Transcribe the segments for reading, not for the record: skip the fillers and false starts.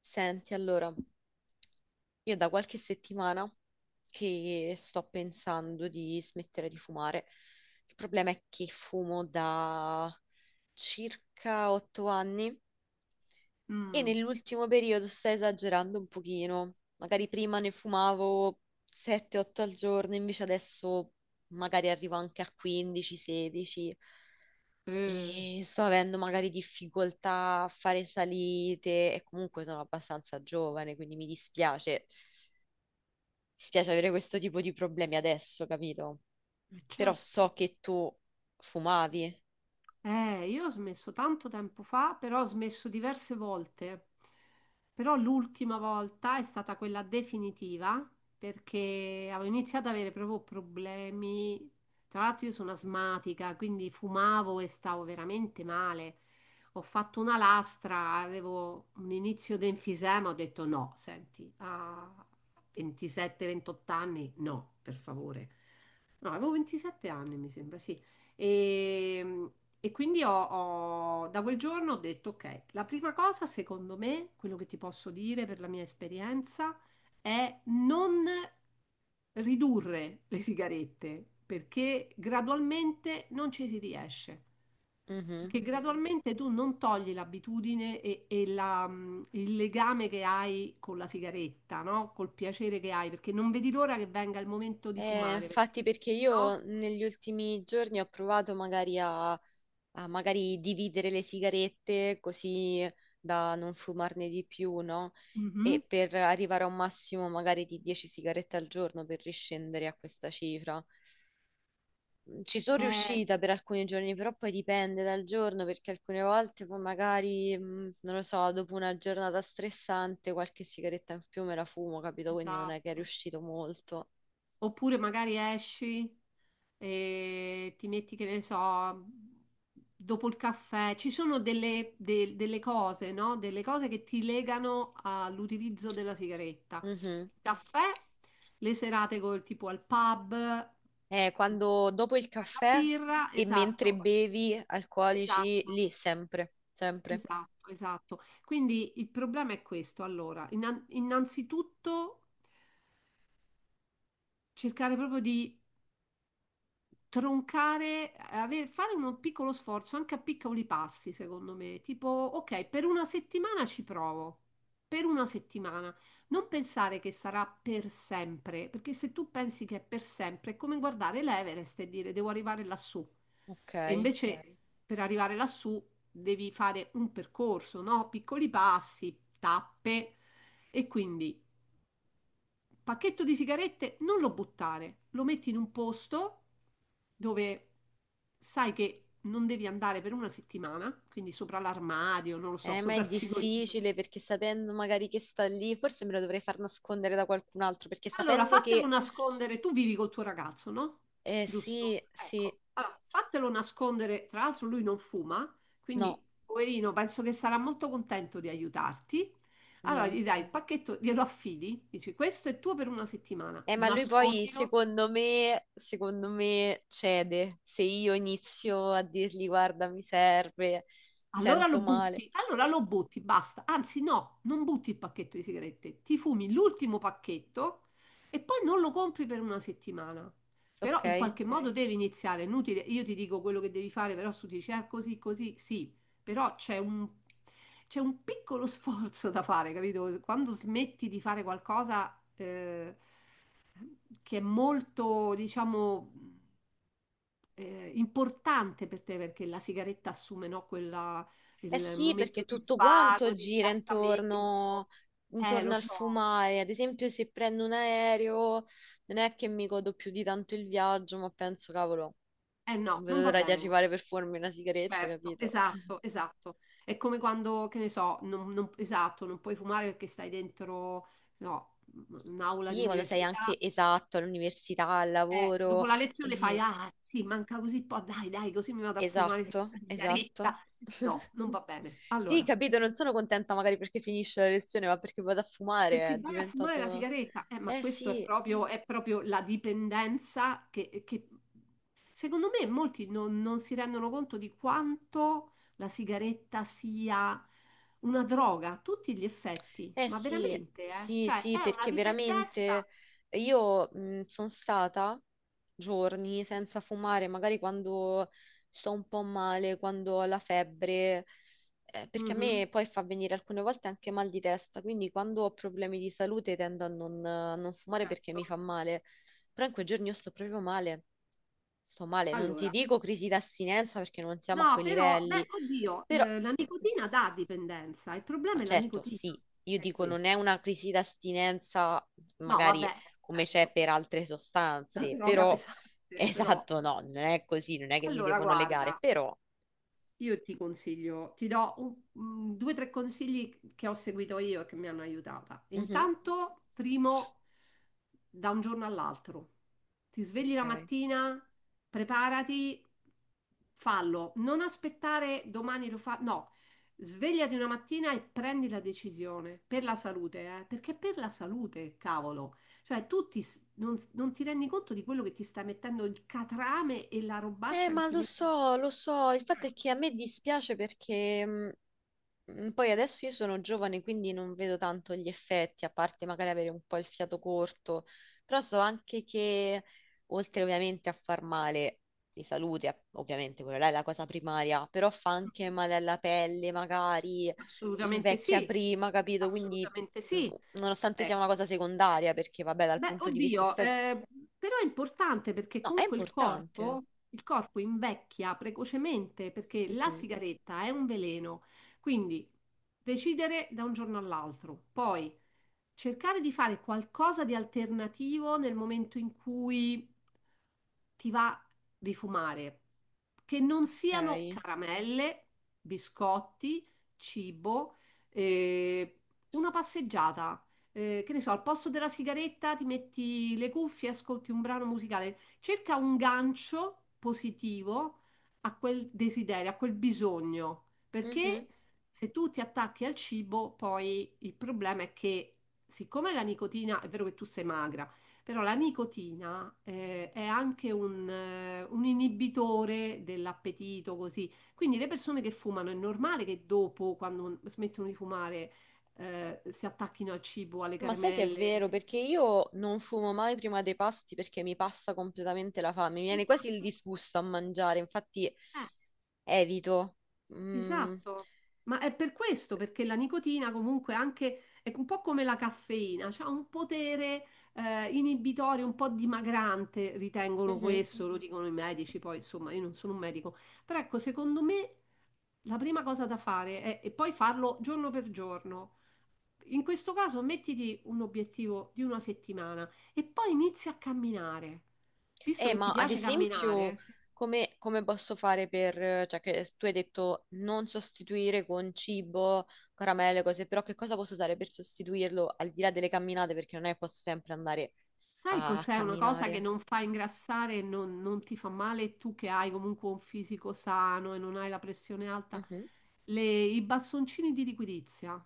Senti, allora, io da qualche settimana che sto pensando di smettere di fumare. Il problema è che fumo da circa 8 anni e Mm, nell'ultimo periodo sto esagerando un pochino. Magari prima ne fumavo 7-8 al giorno, invece adesso magari arrivo anche a 15-16. eh, E sto avendo magari difficoltà a fare salite e comunque sono abbastanza giovane, quindi mi dispiace. Dispiace avere questo tipo di problemi adesso, capito? Però certo. so che tu fumavi. Io ho smesso tanto tempo fa, però ho smesso diverse volte. Però l'ultima volta è stata quella definitiva perché avevo iniziato ad avere proprio problemi. Tra l'altro io sono asmatica, quindi fumavo e stavo veramente male. Ho fatto una lastra, avevo un inizio di enfisema, ho detto no, senti, a 27-28 anni, no, per favore. No, avevo 27 anni, mi sembra, sì. E, e quindi da quel giorno ho detto, ok, la prima cosa, secondo me, quello che ti posso dire per la mia esperienza, è non ridurre le sigarette, perché gradualmente non ci si riesce, Mhm. perché gradualmente tu non togli l'abitudine e il legame che hai con la sigaretta, no? Col piacere che hai, perché non vedi l'ora che venga il momento di fumare, perché, Infatti perché io no? negli ultimi giorni ho provato magari a magari dividere le sigarette così da non fumarne di più, no? E Mhm. per arrivare a un massimo magari di 10 sigarette al giorno per riscendere a questa cifra. Ci sono Eh, riuscita per alcuni giorni, però poi dipende dal giorno, perché alcune volte poi magari, non lo so, dopo una giornata stressante qualche sigaretta in più me la fumo, capito? Quindi non è che è esatto. riuscito molto. Oppure magari esci e ti metti, che ne so, dopo il caffè. Ci sono delle cose, no? Delle cose che ti legano all'utilizzo della sigaretta. Mhm. Il caffè, le serate col tipo al pub, Quando dopo il fai una caffè birra, e mentre esatto, bevi alcolici, esatto, lì sempre, sempre. esatto, esatto. Quindi il problema è questo. Allora, innanzitutto cercare proprio di troncare, fare un piccolo sforzo anche a piccoli passi, secondo me, tipo, ok, per una settimana ci provo, per una settimana, non pensare che sarà per sempre, perché se tu pensi che è per sempre, è come guardare l'Everest e dire devo arrivare lassù. E Ok. invece ok, per arrivare lassù devi fare un percorso, no? Piccoli passi, tappe. E quindi pacchetto di sigarette non lo buttare, lo metti in un posto dove sai che non devi andare per una settimana, quindi sopra l'armadio, non lo so, Ma sopra è il frigorifero. difficile perché sapendo magari che sta lì, forse me lo dovrei far nascondere da qualcun altro, perché Allora, sapendo fatelo che... nascondere, tu vivi col tuo ragazzo, no? Giusto? sì, sì, Ecco. Allora, fatelo nascondere, tra l'altro lui non fuma, no. quindi poverino, penso che sarà molto contento di aiutarti. Allora, Mm. gli dai il pacchetto, glielo affidi, dici questo è tuo per una settimana, Ma lui poi, nascondilo. secondo me cede. Se io inizio a dirgli, guarda, mi serve, mi sento male. Allora lo butti, basta. Anzi, no, non butti il pacchetto di sigarette, ti fumi l'ultimo pacchetto e poi non lo compri per una settimana. Però Ok? in Eh qualche modo ok, devi iniziare, è inutile, io ti dico quello che devi fare, però tu dici, ah, così, così, sì, però c'è un piccolo sforzo da fare, capito? Quando smetti di fare qualcosa che è molto, diciamo importante per te perché la sigaretta assume, no, quella, il sì, perché momento di tutto quanto svago, di gira rilassamento. intorno, intorno Lo al so. fumare. Ad esempio, se prendo un aereo, non è che mi godo più di tanto il viaggio, ma penso, cavolo, Eh no, non vedo non va l'ora di bene così. arrivare per fumarmi una sigaretta, Certo, capito? esatto, esatto. È come quando, che ne so, esatto, non puoi fumare perché stai dentro, no, un'aula di Sì, quando sei università. anche esatto all'università, al Dopo lavoro. la lezione fai, e ah sì, manca così po', dai, dai, così mi vado a fumare questa Esatto, esatto. sigaretta. No, non va bene. Sì, Allora. capito, non sono contenta magari perché finisce la lezione, ma perché vado a fumare, Perché è vai a fumare la diventato... sigaretta, ma Eh questo sì, è proprio la dipendenza che secondo me molti non si rendono conto di quanto la sigaretta sia una droga a tutti gli effetti, eh ma sì, veramente, eh? sì, Cioè sì, è una perché dipendenza. veramente io sono stata giorni senza fumare, magari quando sto un po' male, quando ho la febbre, perché a Mhm, me poi fa venire alcune volte anche mal di testa, quindi quando ho problemi di salute tendo a non fumare perché certo. mi fa male, però in quei giorni io sto proprio male. Sto male, non ti Allora, dico crisi d'astinenza perché non siamo a no, quei però, beh, livelli, oddio, però, la nicotina dà dipendenza, il ma problema è la certo, nicotina, sì, io è dico non questo. è una crisi d'astinenza No, vabbè, magari come c'è certo, per altre la sostanze, droga però, pesante, però. esatto, no, non è così, non è che mi Allora, devono legare, guarda, però, io ti consiglio, ti do un- mm, due o tre consigli che ho seguito io e che mi hanno aiutata. Mhm, Intanto, primo, da un giorno all'altro. Ti svegli la ok. mattina, preparati, fallo. Non aspettare domani lo fa. No, svegliati una mattina e prendi la decisione per la salute, eh? Perché è per la salute, cavolo. Cioè, tu ti s- non, non ti rendi conto di quello che ti sta mettendo il catrame e la robaccia che Ma ti mette. Lo so, il fatto è che a me dispiace perché. Poi adesso io sono giovane, quindi non vedo tanto gli effetti, a parte magari avere un po' il fiato corto, però so anche che, oltre ovviamente a far male di salute, ovviamente quella là è la cosa primaria, però fa anche male alla pelle, magari Assolutamente invecchia sì, prima, capito? Quindi, assolutamente mm, sì. nonostante sia una Ecco. cosa secondaria, perché vabbè, dal Beh, punto di vista oddio, estetico, però è importante perché no, è comunque importante. Il corpo invecchia precocemente perché la Mhm, sigaretta è un veleno, quindi decidere da un giorno all'altro. Poi cercare di fare qualcosa di alternativo nel momento in cui ti va di fumare, che non siano ok. caramelle, biscotti, cibo, eh, una passeggiata. Che ne so, al posto della sigaretta ti metti le cuffie, ascolti un brano musicale, cerca un gancio positivo a quel desiderio, a quel bisogno, Mhm. perché se tu ti attacchi al cibo, poi il problema è che siccome la nicotina, è vero che tu sei magra, però la nicotina è anche un inibitore dell'appetito, così. Quindi le persone che fumano è normale che dopo, quando smettono di fumare, si attacchino al cibo, alle Ma sai che è caramelle. vero, perché io non fumo mai prima dei pasti perché mi passa completamente la fame, mi viene quasi il Infatti, disgusto a mangiare, infatti eh, evito. Mm, esatto, ma è per questo, perché la nicotina comunque anche è un po' come la caffeina, ha un potere inibitorio, un po' dimagrante, ritengono mhm. questo, lo dicono i medici, poi insomma io non sono un medico, però ecco, secondo me la prima cosa da fare è, e poi farlo giorno per giorno. In questo caso mettiti un obiettivo di una settimana e poi inizi a camminare. Visto che ti Ma ad piace esatto, esempio, camminare, come posso fare per, cioè che tu hai detto non sostituire con cibo, caramelle, cose, però che cosa posso usare per sostituirlo al di là delle camminate, perché non è che posso sempre andare sai a cos'è una cosa che camminare. non fa ingrassare e non ti fa male e tu che hai comunque un fisico sano e non hai la pressione alta? Mhm. I bastoncini di liquidizia.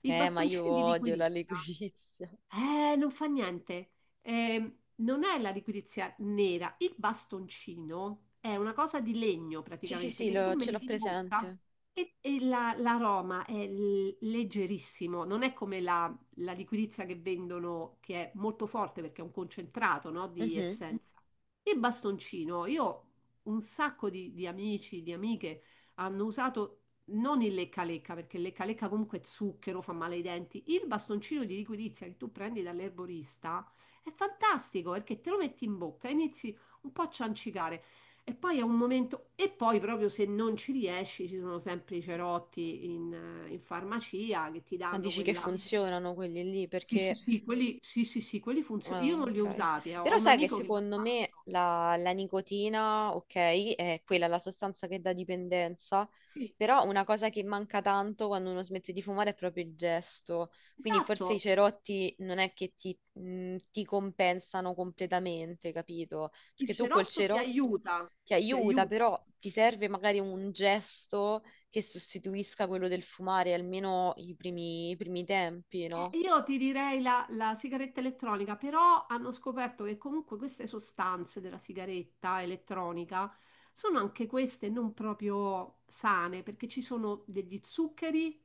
I Ma io bastoncini di odio la liquidizia liquirizia. Non fa niente. Non è la liquirizia nera, il bastoncino è una cosa di legno Sì, sì, praticamente sì, che sì, tu sì, ce metti l'ho sì, in bocca presente. e, l'aroma è leggerissimo, non è come la liquirizia che vendono, che è molto forte perché è un concentrato, no, di Mhm. essenza. Il bastoncino, io un sacco di amici, di amiche hanno usato non il lecca-lecca, perché il lecca-lecca comunque è zucchero, fa male ai denti. Il bastoncino di liquidizia che tu prendi dall'erborista è fantastico perché te lo metti in bocca, inizi un po' a ciancicare e poi è un momento. E poi, proprio se non ci riesci, ci sono sempre i cerotti in farmacia che ti Ma danno dici che quella. funzionano quelli lì? Sì, sì, Perché sì, quelli, sì, sì, sì, quelli funzionano. ah, Io non li ho ok. usati, Però ho un sai che amico che l'ha secondo me fatto. la nicotina, ok, è quella la sostanza che dà dipendenza, Sì, però una cosa che manca tanto quando uno smette di fumare è proprio il gesto. Quindi forse i esatto. cerotti non è che ti compensano completamente, capito? Il Perché tu col cerotto ti cerotto aiuta, ti ti aiuta, aiuta. però ti serve magari un gesto che sostituisca quello del fumare, almeno i primi tempi, no? Io ti direi la sigaretta elettronica, però hanno scoperto che comunque queste sostanze della sigaretta elettronica sono anche queste non proprio sane, perché ci sono degli zuccheri,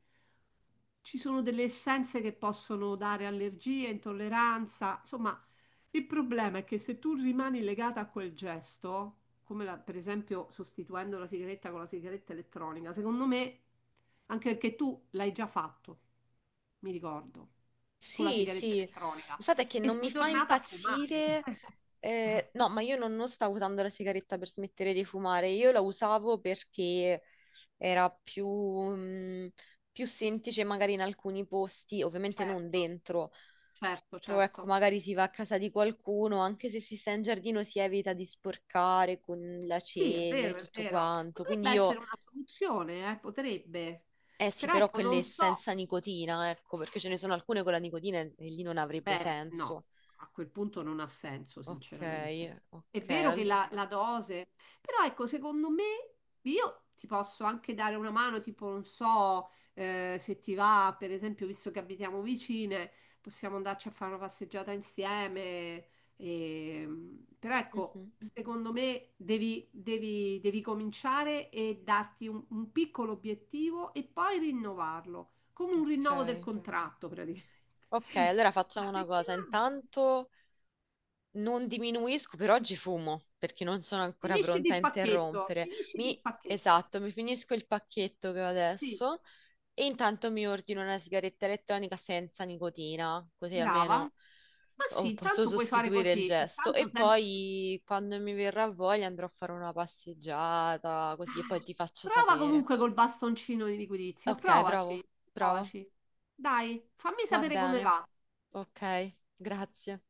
ci sono delle essenze che possono dare allergie, intolleranza. Insomma, il problema è che se tu rimani legata a quel gesto, come per esempio sostituendo la sigaretta con la sigaretta elettronica, secondo me, anche perché tu l'hai già fatto mi ricordo, con la Sì, sigaretta sì, elettronica. il fatto è che E non mi sei fa tornata a fumare. impazzire, no, ma io non stavo usando la sigaretta per smettere di fumare, io la usavo perché era più, più semplice magari in alcuni posti, ovviamente non Certo, dentro, certo, però ecco, certo. magari si va a casa di qualcuno, anche se si sta in giardino si evita di sporcare con la Sì, è cenere e vero, è tutto vero. quanto, Potrebbe quindi io, essere una soluzione, potrebbe. eh sì, Però però ecco, non quelle so. senza nicotina, ecco, perché ce ne sono alcune con la nicotina e lì non avrebbe Beh, no, senso. a quel punto non ha senso, Ok, sinceramente. È ok, vero che allora. La dose, però ecco, secondo me io ti posso anche dare una mano, tipo, non so, se ti va, per esempio, visto che abitiamo vicine, possiamo andarci a fare una passeggiata insieme. e- Però ecco, Mhm, secondo me devi cominciare e darti un piccolo obiettivo e poi rinnovarlo, come un rinnovo del ok. contratto, Ok, allora facciamo una una cosa. settimana. Intanto non diminuisco, per oggi fumo, perché non sono ancora Finisci pronta a il pacchetto, interrompere. finisci il Mi, pacchetto. esatto, mi finisco il pacchetto che ho Sì, adesso e intanto mi ordino una sigaretta elettronica senza nicotina, così brava. almeno Ma oh, sì, posso tanto puoi fare sostituire il così. gesto. Intanto E sempre... poi quando mi verrà voglia andrò a fare una passeggiata, così e poi Ah, ti faccio prova sapere. comunque col bastoncino di liquidizia. Ok, bravo, Provaci, bravo. provaci. Dai, fammi Va sapere come bene, va. ok, grazie,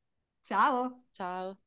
Ciao. ciao.